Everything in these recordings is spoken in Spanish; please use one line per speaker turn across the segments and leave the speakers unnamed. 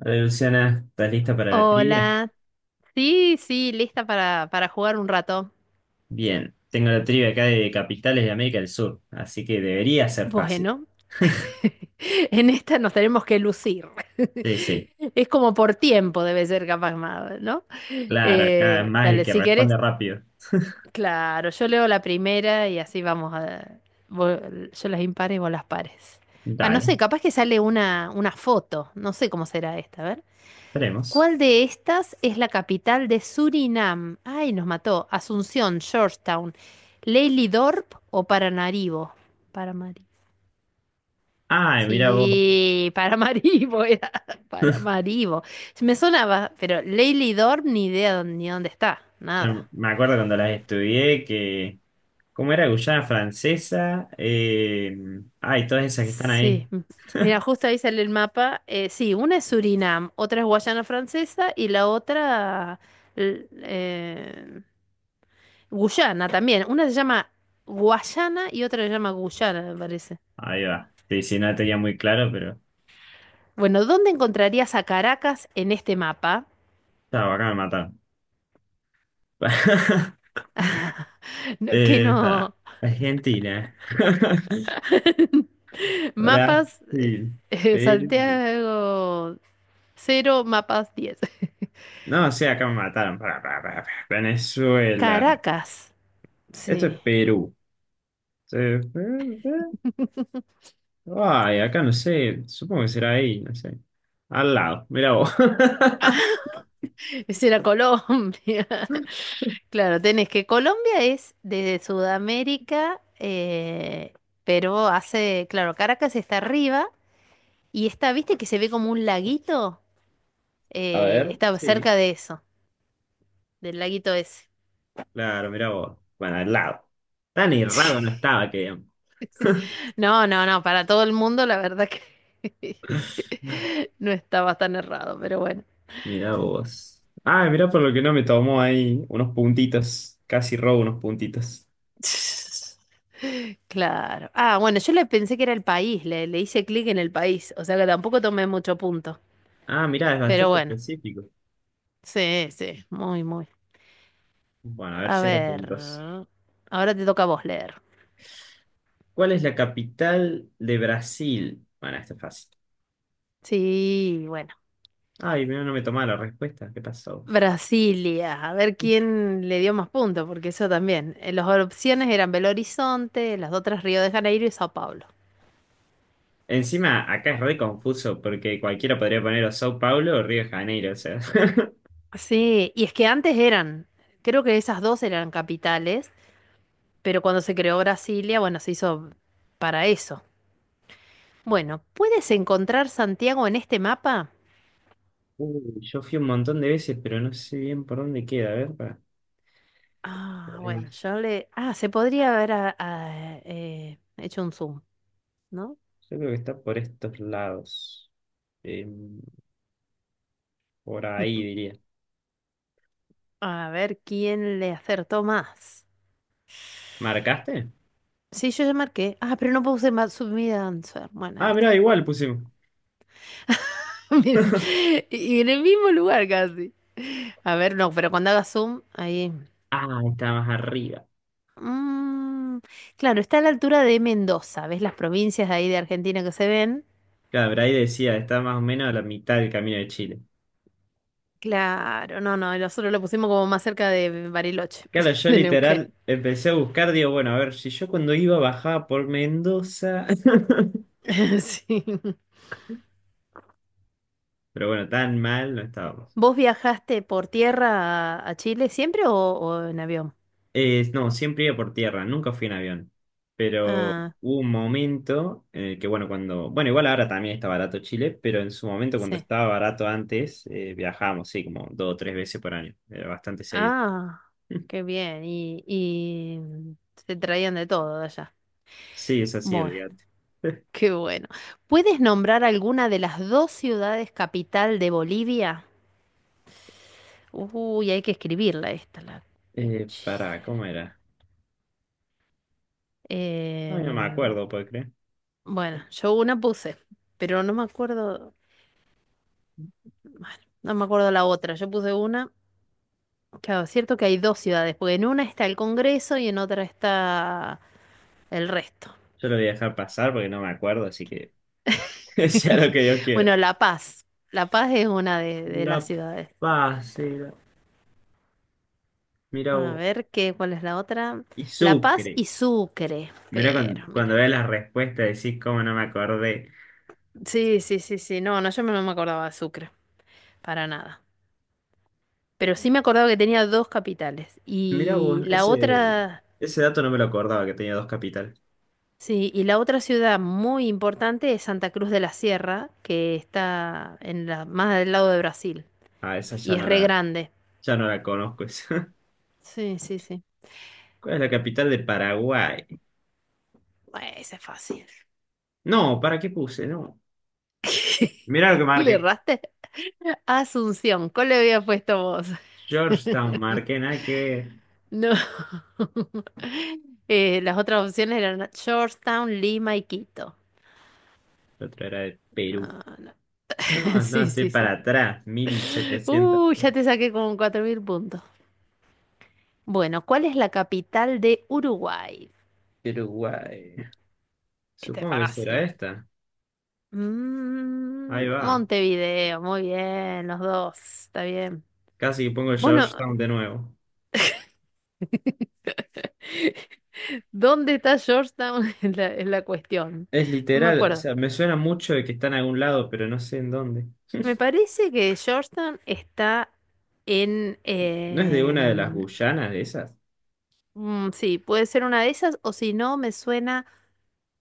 Hola Luciana, ¿estás lista para la trivia?
Hola, sí, sí, lista para jugar un rato.
Bien, tengo la trivia acá de capitales de América del Sur, así que debería ser fácil.
Bueno, en esta nos tenemos que lucir.
Sí, sí,
Es como por tiempo debe ser capaz más, ¿no?
claro, acá es
Eh,
más el
dale,
que
si
responde
querés,
rápido.
claro, yo leo la primera y así vamos a... vos- yo las impares y vos las pares. Ah, no
Dale,
sé, capaz que sale una foto, no sé cómo será esta, a ver.
esperemos.
¿Cuál de estas es la capital de Surinam? Ay, nos mató. Asunción, Georgetown, Leilidorp o Paramaribo. Paramaribo.
Ay, mira vos.
Sí, Paramaribo era. Paramaribo. Me sonaba, pero Leilidorp ni idea ni dónde está.
Ya me
Nada.
me acuerdo cuando las estudié que. ¿Cómo era Guyana Francesa? Ay, todas esas que están ahí.
Sí. Mira, justo ahí sale el mapa. Sí, una es Surinam, otra es Guayana Francesa y la otra... l- eh, Guyana también. Una se llama Guayana y otra se llama Guyana, me parece.
Ahí va. Sí, sí, no la tenía muy claro, pero.
Bueno, ¿dónde encontrarías a Caracas en este mapa?
Estaba acá me mataron.
No, que
Para.
no.
Argentina.
Mapas
Brasil, Perú.
Santiago cero, mapas 10.
No, sí, acá me mataron. Pará, pará, pará, pará. Venezuela.
Caracas.
Esto es
Sí.
Perú. Eh, eh, eh. Ay, acá no sé. Supongo que será ahí, no sé. Al lado, mira vos.
Ah, ese era Colombia. Claro, tenés que Colombia es de Sudamérica, pero hace, claro, Caracas está arriba y está, ¿viste que se ve como un laguito?
A ver,
Está
sí.
cerca de eso, del laguito ese.
Claro, mira vos. Bueno, al lado. Tan errado no estaba que.
No, no, no, para todo el mundo la verdad que no estaba tan errado, pero bueno.
Mira vos. Ah, mira por lo que no me tomó ahí unos puntitos. Casi robo unos puntitos.
Claro. Ah, bueno, yo le pensé que era el país, le hice clic en el país, o sea que tampoco tomé mucho punto.
Ah, mira, es
Pero
bastante
bueno,
específico.
sí, sí, muy, muy.
Bueno, a ver,
A
cero
ver,
puntos.
ahora te toca a vos leer.
¿Cuál es la capital de Brasil? Bueno, esta es fácil.
Sí, bueno.
Ay, no me tomaba la respuesta. ¿Qué pasó?
Brasilia, a ver quién le dio más puntos, porque eso también. Las opciones eran Belo Horizonte, las otras Río de Janeiro y Sao Paulo.
Encima, acá es re confuso porque cualquiera podría poner o Sao Paulo o Río de Janeiro. O sea,
Sí, y es que antes eran, creo que esas dos eran capitales, pero cuando se creó Brasilia, bueno, se hizo para eso. Bueno, ¿puedes encontrar Santiago en este mapa?
Uy, yo fui un montón de veces, pero no sé bien por dónde queda. A ver, pará.
Ah,
Eh,
bueno, yo le... Ah, se podría haber hecho un zoom, ¿no?
Yo creo que está por estos lados. Eh, por ahí diría.
A ver quién le acertó más.
¿Marcaste?
Sí, yo ya marqué. Ah, pero no puse Matsumi answer. Bueno, ahí
Ah, mirá,
está.
igual pusimos.
Miren, y en el mismo lugar casi. A ver, no, pero cuando haga zoom, ahí.
Ah, está más arriba.
Mm, claro, está a la altura de Mendoza. ¿Ves las provincias de ahí de Argentina que se ven?
Claro, pero ahí decía, está más o menos a la mitad del camino de Chile.
Claro, no, no, nosotros lo pusimos como más cerca de Bariloche,
Claro, yo
de Neuquén.
literal empecé a buscar, digo, bueno, a ver, si yo cuando iba bajaba por Mendoza,
Sí.
pero bueno, tan mal no estábamos.
¿Vos viajaste por tierra a Chile siempre o en avión?
No, siempre iba por tierra, nunca fui en avión, pero
Ah,
hubo un momento en el que, bueno, cuando, bueno, igual ahora también está barato Chile, pero en su momento cuando
sí.
estaba barato antes, viajábamos, sí, como dos o tres veces por año, era bastante seguido.
Ah, qué bien. Y se traían de todo de allá.
Sí, es así,
Bueno,
olvídate.
qué bueno. ¿Puedes nombrar alguna de las dos ciudades capital de Bolivia? Uy, hay que escribirla esta, la cuchis.
Pará, ¿cómo era? Ay, no me
Em,
acuerdo, ¿puedo creer?
bueno, yo una puse, pero no me acuerdo. Bueno, no me acuerdo la otra. Yo puse una. Claro, es cierto que hay dos ciudades, porque en una está el Congreso y en otra está el resto.
Yo lo voy a dejar pasar porque no me acuerdo, así que... sea lo que yo quiera.
Bueno, La Paz. La Paz es una de las
La
ciudades.
Paz era, mira
A
vos,
ver, cuál es la otra?
y
La Paz
Sucre.
y Sucre.
Mira cuando,
Pero,
cuando
mira.
veas la respuesta decís cómo no me acordé.
Sí, sí, sí, sí. No, no, yo no me acordaba de Sucre. Para nada. Pero sí me acordaba que tenía dos capitales.
Mira vos,
Y la
ese,
otra,
ese dato no me lo acordaba que tenía dos capitales.
sí, y la otra ciudad muy importante es Santa Cruz de la Sierra, que está en la, más del lado de Brasil.
Ah, esa
Y
ya
es
no
re
la,
grande.
ya no la conozco esa.
Sí, sí, sí.
¿Cuál es la capital de Paraguay?
Bueno, ese es fácil.
No, ¿para qué puse? No. Mira lo que
¿Le
marqué.
erraste? Asunción, ¿cuál le había puesto vos?
Georgetown marqué, nada que ver.
No. Las otras opciones eran Georgetown, Lima y Quito.
La otra era de
No,
Perú.
no.
No, no,
Sí,
estoy
sí,
para
sí.
atrás. 1700.
Ya te saqué como 4000 puntos. Bueno, ¿cuál es la capital de Uruguay?
Uruguay.
Este es
Supongo que será
fácil.
esta. Ahí va.
Montevideo, muy bien, los dos, está bien.
Casi que pongo
Bueno,
Georgetown de nuevo.
¿dónde está Georgetown? es la, cuestión.
Es
No me
literal, o
acuerdo.
sea, me suena mucho de que está en algún lado, pero no sé en dónde.
Me parece que Georgetown está en...
¿No es de una de las Guyanas de esas?
sí, puede ser una de esas, o si no, me suena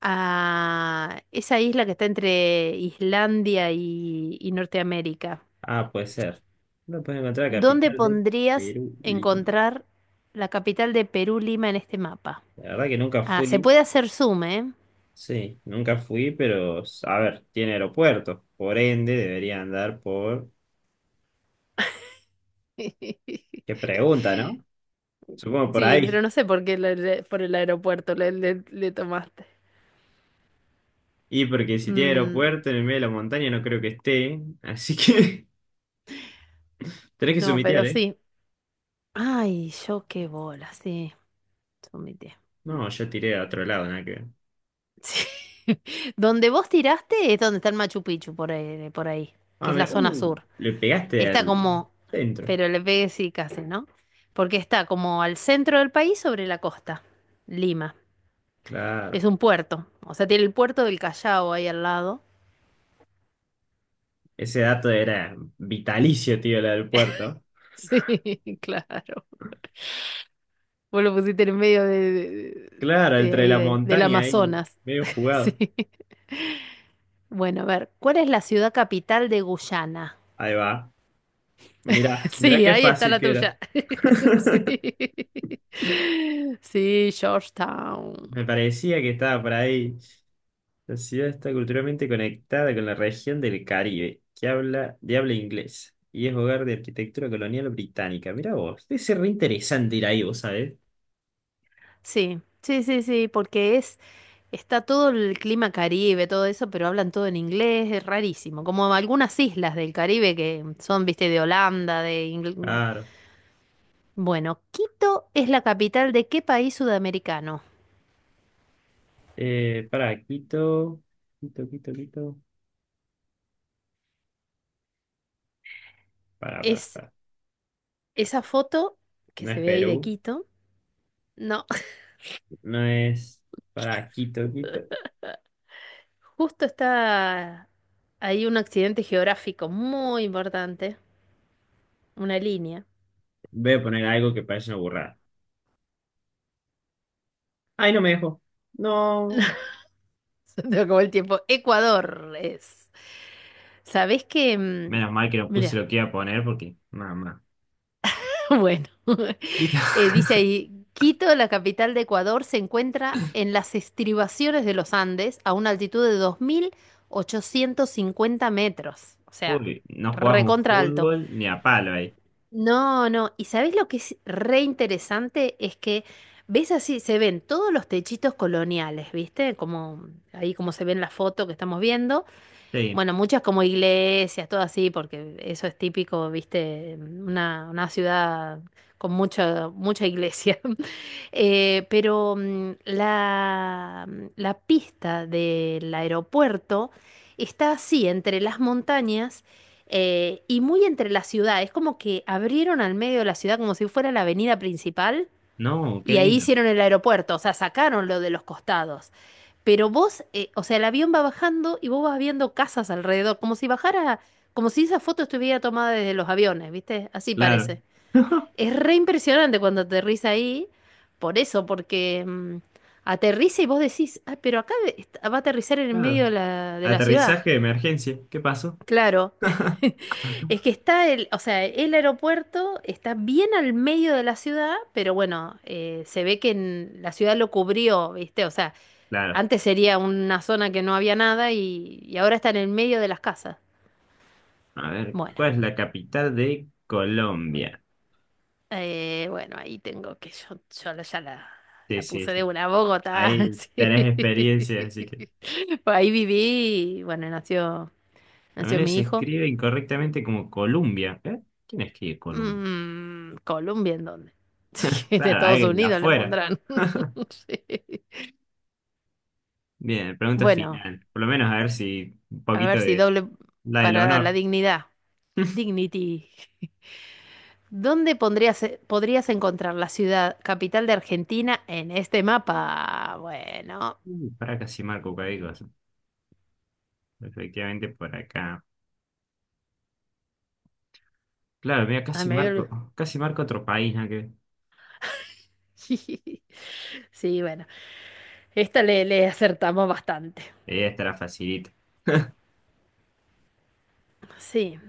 a esa isla que está entre Islandia y Norteamérica.
Ah, puede ser. No puedes encontrar la
¿Dónde
capital de
pondrías
Perú, Lima.
encontrar la capital de Perú, Lima, en este mapa?
La verdad que nunca
Ah, se
fui.
puede hacer zoom, ¿eh?
Sí, nunca fui, pero a ver, tiene aeropuerto. Por ende, debería andar por. Qué pregunta, ¿no? Supongo por
Sí, pero
ahí.
no sé por qué por el aeropuerto le tomaste.
Y porque si tiene
Mm,
aeropuerto en el medio de la montaña, no creo que esté. Así que tenés que
no,
sumitear,
pero sí. Ay, yo qué bola, sí, sumité.
no, yo tiré a otro lado, nada que ver.
Sí. Donde vos tiraste es donde está el Machu Picchu, por ahí, que
Ah,
es la
mira,
zona sur.
le pegaste
Está
al
como,
centro.
pero le pegué sí casi, ¿no? Porque está como al centro del país sobre la costa, Lima. Es
Claro.
un puerto, o sea, tiene el puerto del Callao ahí al lado.
Ese dato era vitalicio, tío, la del puerto.
Sí, claro. Vos lo pusiste en medio
Claro,
de
entre
ahí,
la
del
montaña ahí,
Amazonas.
medio jugado.
Sí. Bueno, a ver, ¿cuál es la ciudad capital de Guyana?
Ahí va. Mirá, mirá
Sí,
qué
ahí está
fácil
la
que era.
tuya. Sí. Sí, Georgetown.
Me parecía que estaba por ahí. La ciudad está culturalmente conectada con la región del Caribe, que habla de habla inglesa, y es hogar de arquitectura colonial británica. Mirá vos, debe ser re interesante ir ahí, vos sabés.
Sí, sí, sí, sí, porque está todo el clima Caribe, todo eso, pero hablan todo en inglés, es rarísimo. Como algunas islas del Caribe que son, viste, de Holanda, de Ingl-
Claro.
Bueno, Quito es la capital de qué país sudamericano.
Para, Quito. Para,
Es
para.
esa foto que
No
se
es
ve ahí de
Perú,
Quito. No,
no es para Quito.
justo está ahí un accidente geográfico muy importante. Una línea.
Voy a poner algo que parece una burrada. Ay, no me dejó. No.
Se te acabó el tiempo. Ecuador es. ¿Sabés que...
Menos mal que no puse
Mira,
lo que iba a poner porque, mamá.
bueno.
Quito.
Dice ahí, Quito, la capital de Ecuador, se encuentra en las estribaciones de los Andes a una altitud de 2850 metros. O sea,
Uy, no jugás un
recontra alto.
fútbol ni a palo ahí.
No, no. ¿Y sabés lo que es re interesante? Es que ves así, se ven todos los techitos coloniales, ¿viste? Como ahí como se ve en la foto que estamos viendo.
Sí.
Bueno, muchas como iglesias, todo así, porque eso es típico, viste, una ciudad con mucha, mucha iglesia. Pero la, pista del aeropuerto está así, entre las montañas y muy entre la ciudad. Es como que abrieron al medio de la ciudad como si fuera la avenida principal
No, qué
y ahí
lindo.
hicieron el aeropuerto, o sea, sacaron lo de los costados. Pero vos, o sea, el avión va bajando y vos vas viendo casas alrededor, como si bajara, como si esa foto estuviera tomada desde los aviones, ¿viste? Así
Claro.
parece. Es re impresionante cuando aterriza ahí, por eso, porque aterriza y vos decís, ah, pero acá va a aterrizar en el medio
Claro.
de la ciudad.
Aterrizaje de emergencia. ¿Qué pasó?
Claro, es que o sea, el aeropuerto está bien al medio de la ciudad, pero bueno, se ve que la ciudad lo cubrió, ¿viste? O sea,
Claro.
antes sería una zona que no había nada y ahora está en el medio de las casas.
A ver,
Bueno,
¿cuál es la capital de Colombia?
bueno, ahí tengo que yo ya la,
Sí,
la
sí,
puse de
sí.
una Bogotá.
Ahí tenés
Sí.
experiencia, así que.
Pues ahí viví, y, bueno, nació,
A
nació
menos
mi
se
hijo.
escribe incorrectamente como Columbia. ¿Eh? ¿Quién escribe Columbia?
Colombia, ¿en dónde? Sí, de
Claro,
Estados
alguien de
Unidos le
afuera.
pondrán. Sí.
Bien, pregunta
Bueno,
final. Por lo menos a ver si un
a
poquito
ver si
de
doble
la del
para la
honor.
dignidad. Dignity. ¿Dónde podrías encontrar la ciudad capital de Argentina en este mapa? Bueno,
Pará, casi marco cualquier cosa. Efectivamente, por acá. Claro, mira,
ay, me había olvidado.
casi marco otro país, ¿no? Que
Sí, bueno, esta le acertamos bastante.
ella estará facilita.
Sí,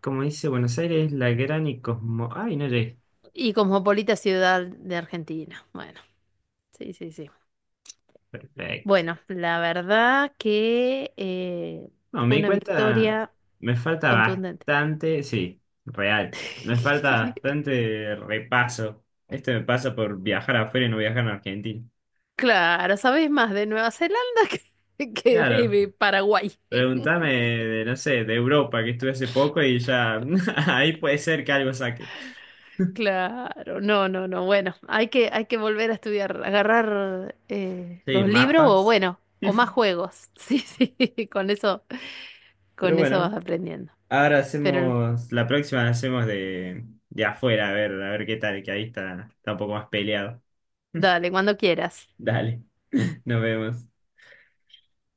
Como dice Buenos Aires, la gran y cosmo. Ay, no llegué.
y cosmopolita ciudad de Argentina. Bueno, sí, sí, sí.
Perfecto.
Bueno, la verdad que
No, me
fue
di
una
cuenta,
victoria
me falta
contundente.
bastante, sí, real, me falta bastante repaso. Esto me pasa por viajar afuera y no viajar en Argentina.
Claro, sabes más de Nueva Zelanda que de
Claro,
Paraguay.
pregúntame de, no sé, de Europa, que estuve hace poco y ya ahí puede ser que algo saque.
Claro, no, no, no. Bueno, hay que volver a estudiar, agarrar
Sí,
los libros o
mapas.
bueno, o más juegos. Sí, sí, con eso,
Pero
con eso
bueno,
vas aprendiendo.
ahora
Pero
hacemos, la próxima la hacemos de afuera, a ver qué tal, que ahí está, está un poco más peleado.
dale, cuando quieras.
Dale, nos vemos.